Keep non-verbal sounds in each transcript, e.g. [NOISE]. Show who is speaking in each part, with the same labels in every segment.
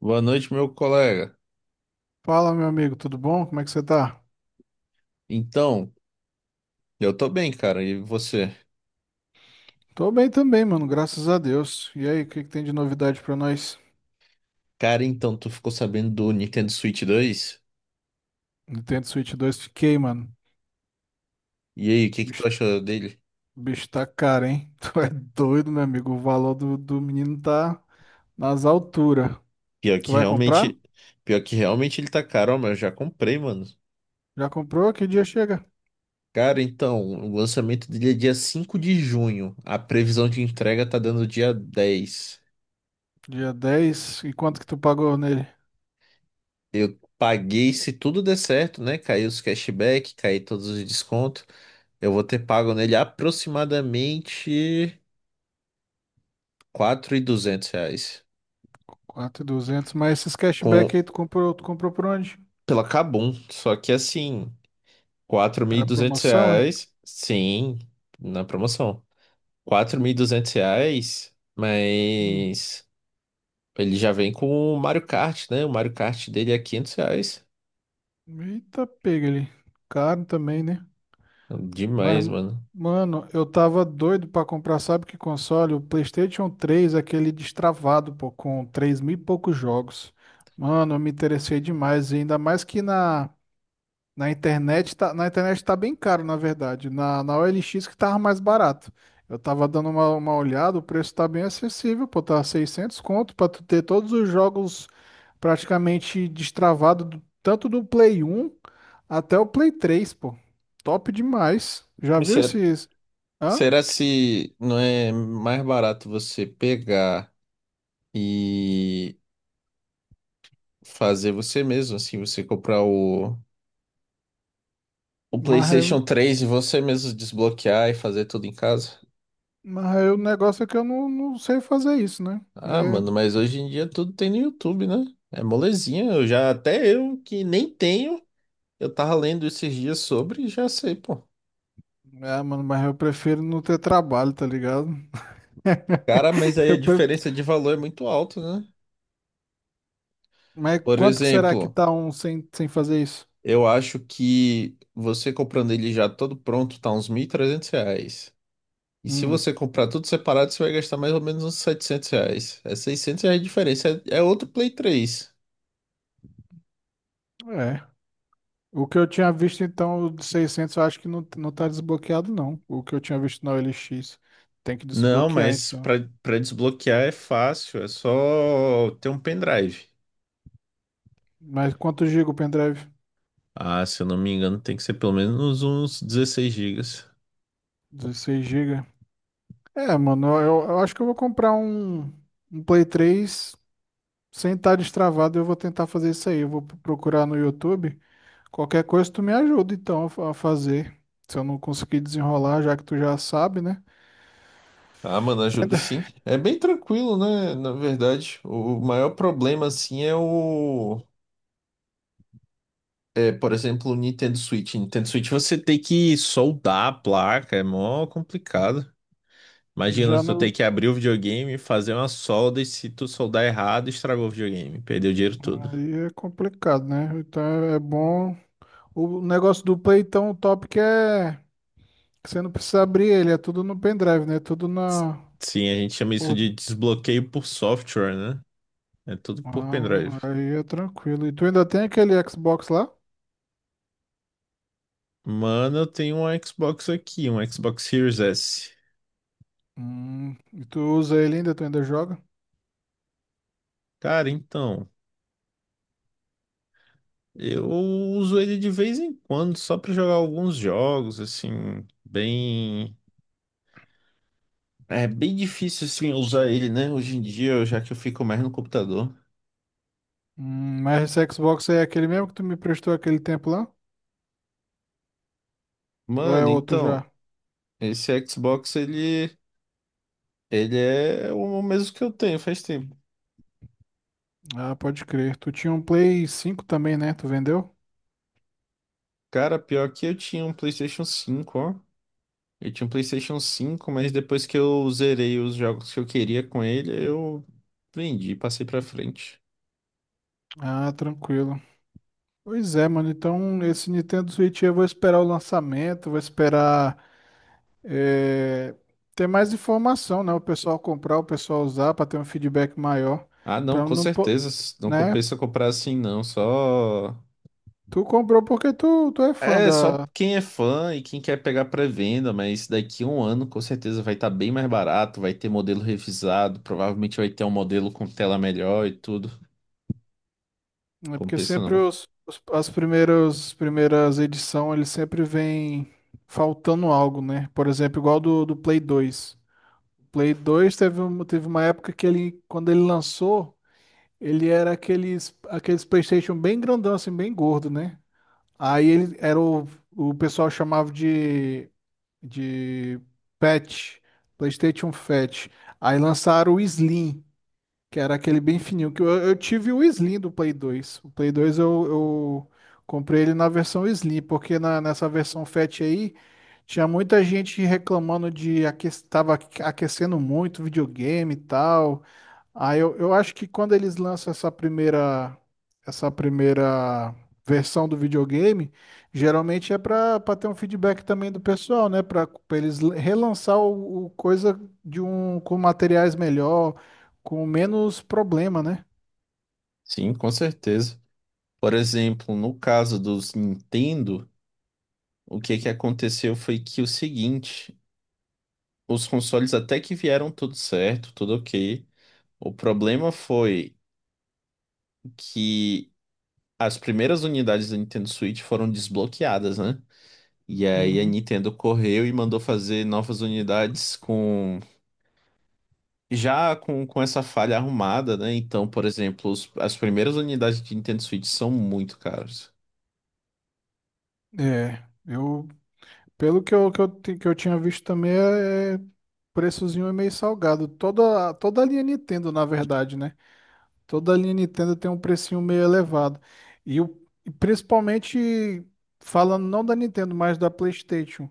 Speaker 1: Boa noite, meu colega.
Speaker 2: Fala, meu amigo, tudo bom? Como é que você tá?
Speaker 1: Então, eu tô bem, cara. E você?
Speaker 2: Tô bem também, mano, graças a Deus. E aí, o que que tem de novidade pra nós?
Speaker 1: Cara, então, tu ficou sabendo do Nintendo Switch 2?
Speaker 2: Nintendo Switch 2, fiquei, mano.
Speaker 1: E aí, o que
Speaker 2: O
Speaker 1: que
Speaker 2: bicho,
Speaker 1: tu achou dele?
Speaker 2: o bicho tá caro, hein? [LAUGHS] Tu é doido, meu amigo. O valor do menino tá nas alturas.
Speaker 1: Pior
Speaker 2: Tu
Speaker 1: que
Speaker 2: vai comprar?
Speaker 1: realmente, pior que realmente ele tá caro, ó, mas eu já comprei, mano.
Speaker 2: Já comprou? Que dia chega?
Speaker 1: Cara, então, o lançamento dele é dia 5 de junho. A previsão de entrega tá dando dia 10.
Speaker 2: Dia 10. E quanto que tu pagou nele?
Speaker 1: Eu paguei, se tudo der certo, né? Caiu os cashback, caiu todos os descontos. Eu vou ter pago nele aproximadamente R$ 4.200.
Speaker 2: 4.200. Mas esses
Speaker 1: Com,
Speaker 2: cashback aí, tu comprou por onde?
Speaker 1: pela Kabum. Só que assim, quatro mil e
Speaker 2: Era
Speaker 1: duzentos
Speaker 2: promoção, é?
Speaker 1: reais, sim, na promoção. R$ 4.200,
Speaker 2: Hum.
Speaker 1: mas ele já vem com o Mario Kart, né? O Mario Kart dele é R$ 500.
Speaker 2: Eita, pega ele. Caro também, né? Mas,
Speaker 1: Demais, mano.
Speaker 2: mano, eu tava doido pra comprar, sabe que console? O PlayStation 3 aquele destravado, pô, com 3 mil e poucos jogos. Mano, eu me interessei demais, e ainda mais que na internet tá bem caro, na verdade. Na OLX que tava mais barato. Eu tava dando uma olhada, o preço tá bem acessível, pô, tá 600 conto pra tu ter todos os jogos praticamente destravados, tanto do Play 1 até o Play 3, pô. Top demais. Já
Speaker 1: Mas
Speaker 2: viu
Speaker 1: será,
Speaker 2: esses? Hã?
Speaker 1: será se não é mais barato você pegar e fazer você mesmo, assim, você comprar o
Speaker 2: Mas, eu-
Speaker 1: PlayStation 3 e você mesmo desbloquear e fazer tudo em casa?
Speaker 2: o negócio é que eu não sei fazer isso, né?
Speaker 1: Ah,
Speaker 2: É,
Speaker 1: mano, mas hoje em dia tudo tem no YouTube, né? É molezinha. Eu já, até eu que nem tenho, eu tava lendo esses dias sobre e já sei, pô.
Speaker 2: é, mano, mas eu prefiro não ter trabalho, tá ligado? [LAUGHS]
Speaker 1: Cara, mas aí
Speaker 2: Eu,
Speaker 1: a
Speaker 2: pre-
Speaker 1: diferença de valor é muito alta, né?
Speaker 2: Mas
Speaker 1: Por
Speaker 2: quanto que será que
Speaker 1: exemplo,
Speaker 2: tá um sem fazer isso?
Speaker 1: eu acho que você comprando ele já todo pronto tá uns R$ 1.300. E se
Speaker 2: Hum,
Speaker 1: você comprar tudo separado, você vai gastar mais ou menos uns R$ 700. É R$ 600 de diferença. É, é outro Play 3.
Speaker 2: é. O que eu tinha visto, então, o de 600 eu acho que não tá desbloqueado, não. O que eu tinha visto na OLX. Tem que
Speaker 1: Não,
Speaker 2: desbloquear,
Speaker 1: mas pra,
Speaker 2: então.
Speaker 1: pra desbloquear é fácil. É só ter um pendrive.
Speaker 2: Mas quanto giga o pendrive?
Speaker 1: Ah, se eu não me engano, tem que ser pelo menos uns 16 gigas.
Speaker 2: 16 gigas. É, mano, eu acho que eu vou comprar um Play 3 sem estar destravado. Eu vou tentar fazer isso aí. Eu vou procurar no YouTube. Qualquer coisa, tu me ajuda, então, a fazer. Se eu não conseguir desenrolar, já que tu já sabe, né?
Speaker 1: Ah, mano, ajudo
Speaker 2: [LAUGHS]
Speaker 1: sim. É bem tranquilo, né? Na verdade, o maior problema, assim, é o. É, por exemplo, o Nintendo Switch. Nintendo Switch você tem que soldar a placa, é mó complicado. Imagina,
Speaker 2: Já
Speaker 1: tu tem
Speaker 2: não.
Speaker 1: que abrir o videogame, fazer uma solda e se tu soldar errado, estragou o videogame, perdeu o dinheiro todo.
Speaker 2: Aí é complicado, né? Então é bom. O negócio do Play, então, o top que é que você não precisa abrir ele, é tudo no pendrive, né? Tudo
Speaker 1: S-
Speaker 2: na.
Speaker 1: Sim, a gente chama isso
Speaker 2: por-
Speaker 1: de desbloqueio por software, né? É tudo por pendrive.
Speaker 2: Ah, aí é tranquilo. E tu ainda tem aquele Xbox lá?
Speaker 1: Mano, eu tenho um Xbox aqui, um Xbox Series S.
Speaker 2: E tu usa ele ainda? Tu ainda joga?
Speaker 1: Cara, então, eu uso ele de vez em quando só pra jogar alguns jogos, assim, bem. É bem difícil, assim, usar ele, né? Hoje em dia, já que eu fico mais no computador.
Speaker 2: Mas esse Xbox aí é aquele mesmo que tu me prestou aquele tempo lá? Ou é
Speaker 1: Mano,
Speaker 2: outro
Speaker 1: então,
Speaker 2: já?
Speaker 1: esse Xbox, ele é o mesmo que eu tenho faz tempo.
Speaker 2: Ah, pode crer. Tu tinha um Play 5 também, né? Tu vendeu?
Speaker 1: Cara, pior que eu tinha um PlayStation 5, ó. Eu tinha um PlayStation cinco, mas depois que eu zerei os jogos que eu queria com ele, eu vendi, passei pra frente.
Speaker 2: Ah, tranquilo. Pois é, mano. Então, esse Nintendo Switch eu vou esperar o lançamento, vou esperar eh, ter mais informação, né? O pessoal comprar, o pessoal usar, para ter um feedback maior.
Speaker 1: Ah, não,
Speaker 2: Para
Speaker 1: com
Speaker 2: não,
Speaker 1: certeza. Não
Speaker 2: né?
Speaker 1: compensa comprar assim, não. Só.
Speaker 2: Tu comprou porque tu é fã
Speaker 1: É, só
Speaker 2: da.
Speaker 1: quem é fã e quem quer pegar pré-venda, mas daqui a um ano com certeza vai estar bem mais barato, vai ter modelo revisado, provavelmente vai ter um modelo com tela melhor e tudo.
Speaker 2: É. Porque
Speaker 1: Compensa
Speaker 2: sempre
Speaker 1: não.
Speaker 2: as primeiras edições, eles sempre vêm faltando algo, né? Por exemplo, igual do Play 2. Play 2 teve, teve uma época que ele, quando ele lançou. Ele era aqueles, aqueles PlayStation bem grandão, assim, bem gordo, né? Aí ele era o pessoal chamava de Fat, PlayStation Fat. Aí lançaram o Slim, que era aquele bem fininho. Que eu tive o Slim do Play 2. O Play 2 eu comprei ele na versão Slim, porque na, nessa versão Fat aí tinha muita gente reclamando de que estava aquecendo muito o videogame e tal. Ah, eu acho que quando eles lançam essa primeira versão do videogame, geralmente é para ter um feedback também do pessoal, né? Para eles relançar o coisa de um com materiais melhor, com menos problema, né?
Speaker 1: Sim, com certeza. Por exemplo, no caso dos Nintendo, o que que aconteceu foi que o seguinte. Os consoles até que vieram tudo certo, tudo ok. O problema foi que as primeiras unidades da Nintendo Switch foram desbloqueadas, né? E aí a
Speaker 2: Uhum.
Speaker 1: Nintendo correu e mandou fazer novas unidades com já com essa falha arrumada, né? Então, por exemplo, as primeiras unidades de Nintendo Switch são muito caras.
Speaker 2: É, eu, pelo que eu, que eu tinha visto também, é o preçozinho é meio salgado. Toda a linha Nintendo, na verdade, né? Toda a linha Nintendo tem um precinho meio elevado. E, o, e principalmente, falando não da Nintendo, mas da PlayStation.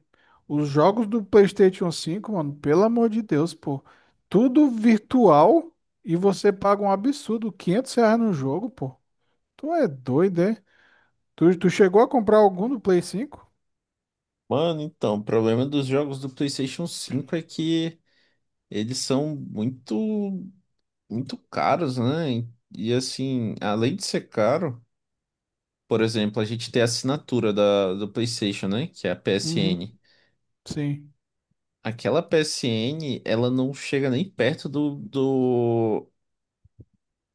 Speaker 2: Os jogos do PlayStation 5, mano, pelo amor de Deus, pô. Tudo virtual e você paga um absurdo, R$ 500 no jogo, pô. Tu é doido, é? Tu chegou a comprar algum do Play 5?
Speaker 1: Mano, então, o problema dos jogos do PlayStation 5 é que eles são muito muito caros, né? E assim, além de ser caro, por exemplo, a gente tem a assinatura do PlayStation, né? Que é a
Speaker 2: Uhum.
Speaker 1: PSN.
Speaker 2: Sim.
Speaker 1: Aquela PSN, ela não chega nem perto do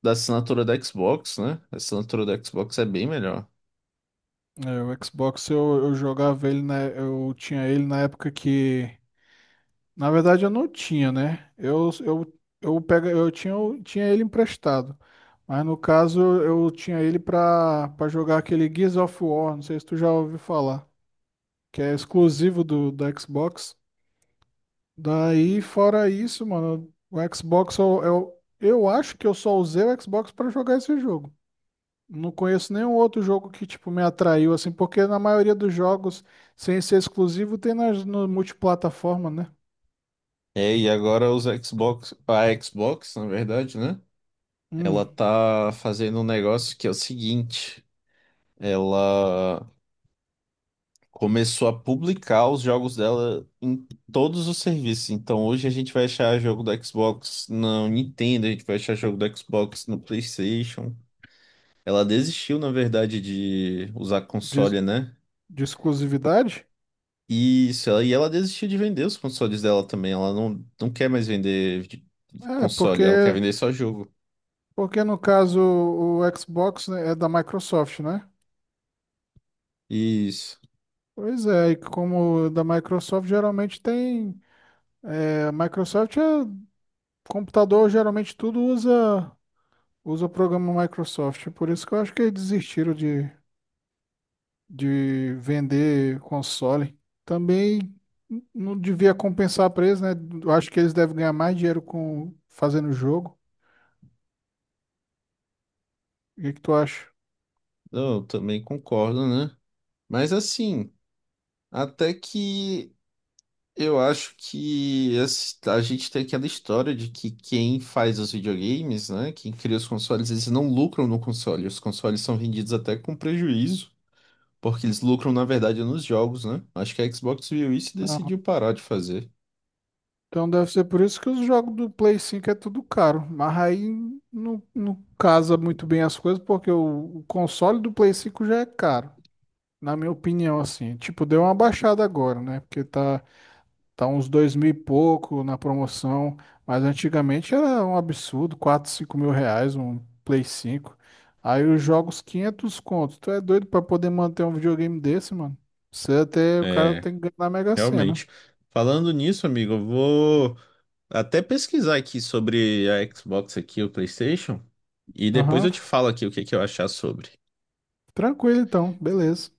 Speaker 1: da assinatura da Xbox, né? A assinatura da Xbox é bem melhor.
Speaker 2: É, o Xbox eu jogava ele, eu tinha ele na época que. Na verdade, eu não tinha, né? Pega, eu tinha ele emprestado. Mas no caso, eu tinha ele pra jogar aquele Gears of War. Não sei se tu já ouviu falar. Que é exclusivo do, da Xbox. Daí, fora isso, mano, o Xbox, eu acho que eu só usei o Xbox pra jogar esse jogo. Não conheço nenhum outro jogo que, tipo, me atraiu, assim, porque na maioria dos jogos, sem ser exclusivo, tem nas, no multiplataforma, né?
Speaker 1: É, e agora os Xbox, a Xbox, na verdade, né? Ela
Speaker 2: Hum.
Speaker 1: tá fazendo um negócio que é o seguinte, ela começou a publicar os jogos dela em todos os serviços. Então hoje a gente vai achar jogo do Xbox no Nintendo, a gente vai achar jogo do Xbox no PlayStation. Ela desistiu, na verdade, de usar
Speaker 2: Diz-
Speaker 1: console, né?
Speaker 2: De exclusividade?
Speaker 1: Isso, ela, e ela desistiu de vender os consoles dela também. Ela não quer mais vender
Speaker 2: É,
Speaker 1: console,
Speaker 2: porque,
Speaker 1: ela quer vender só jogo.
Speaker 2: porque no caso o Xbox, né, é da Microsoft, né?
Speaker 1: Isso.
Speaker 2: Pois é, e como da Microsoft geralmente tem. É, a Microsoft é computador, geralmente tudo usa o programa Microsoft. Por isso que eu acho que eles desistiram de vender console. Também não devia compensar preço, né? Eu acho que eles devem ganhar mais dinheiro com fazendo jogo. O que que tu acha?
Speaker 1: Não, eu também concordo, né? Mas assim, até que eu acho que a gente tem aquela história de que quem faz os videogames, né, quem cria os consoles, eles não lucram no console. Os consoles são vendidos até com prejuízo, porque eles lucram, na verdade, nos jogos, né? Acho que a Xbox viu isso e decidiu parar de fazer.
Speaker 2: Então deve ser por isso que os jogos do Play 5 é tudo caro. Mas aí não casa muito bem as coisas, porque o console do Play 5 já é caro, na minha opinião, assim. Tipo, deu uma baixada agora, né? Porque tá uns dois mil e pouco na promoção. Mas antigamente era um absurdo, 4, 5.000 reais um Play 5. Aí os jogos 500 contos. Tu é doido pra poder manter um videogame desse, mano? Você até, o cara
Speaker 1: É,
Speaker 2: tem que ganhar na Mega Sena.
Speaker 1: realmente. Falando nisso, amigo, eu vou até pesquisar aqui sobre a Xbox aqui, o PlayStation, e depois
Speaker 2: Aham.
Speaker 1: eu te falo aqui o que que eu achar sobre.
Speaker 2: Tranquilo então, beleza.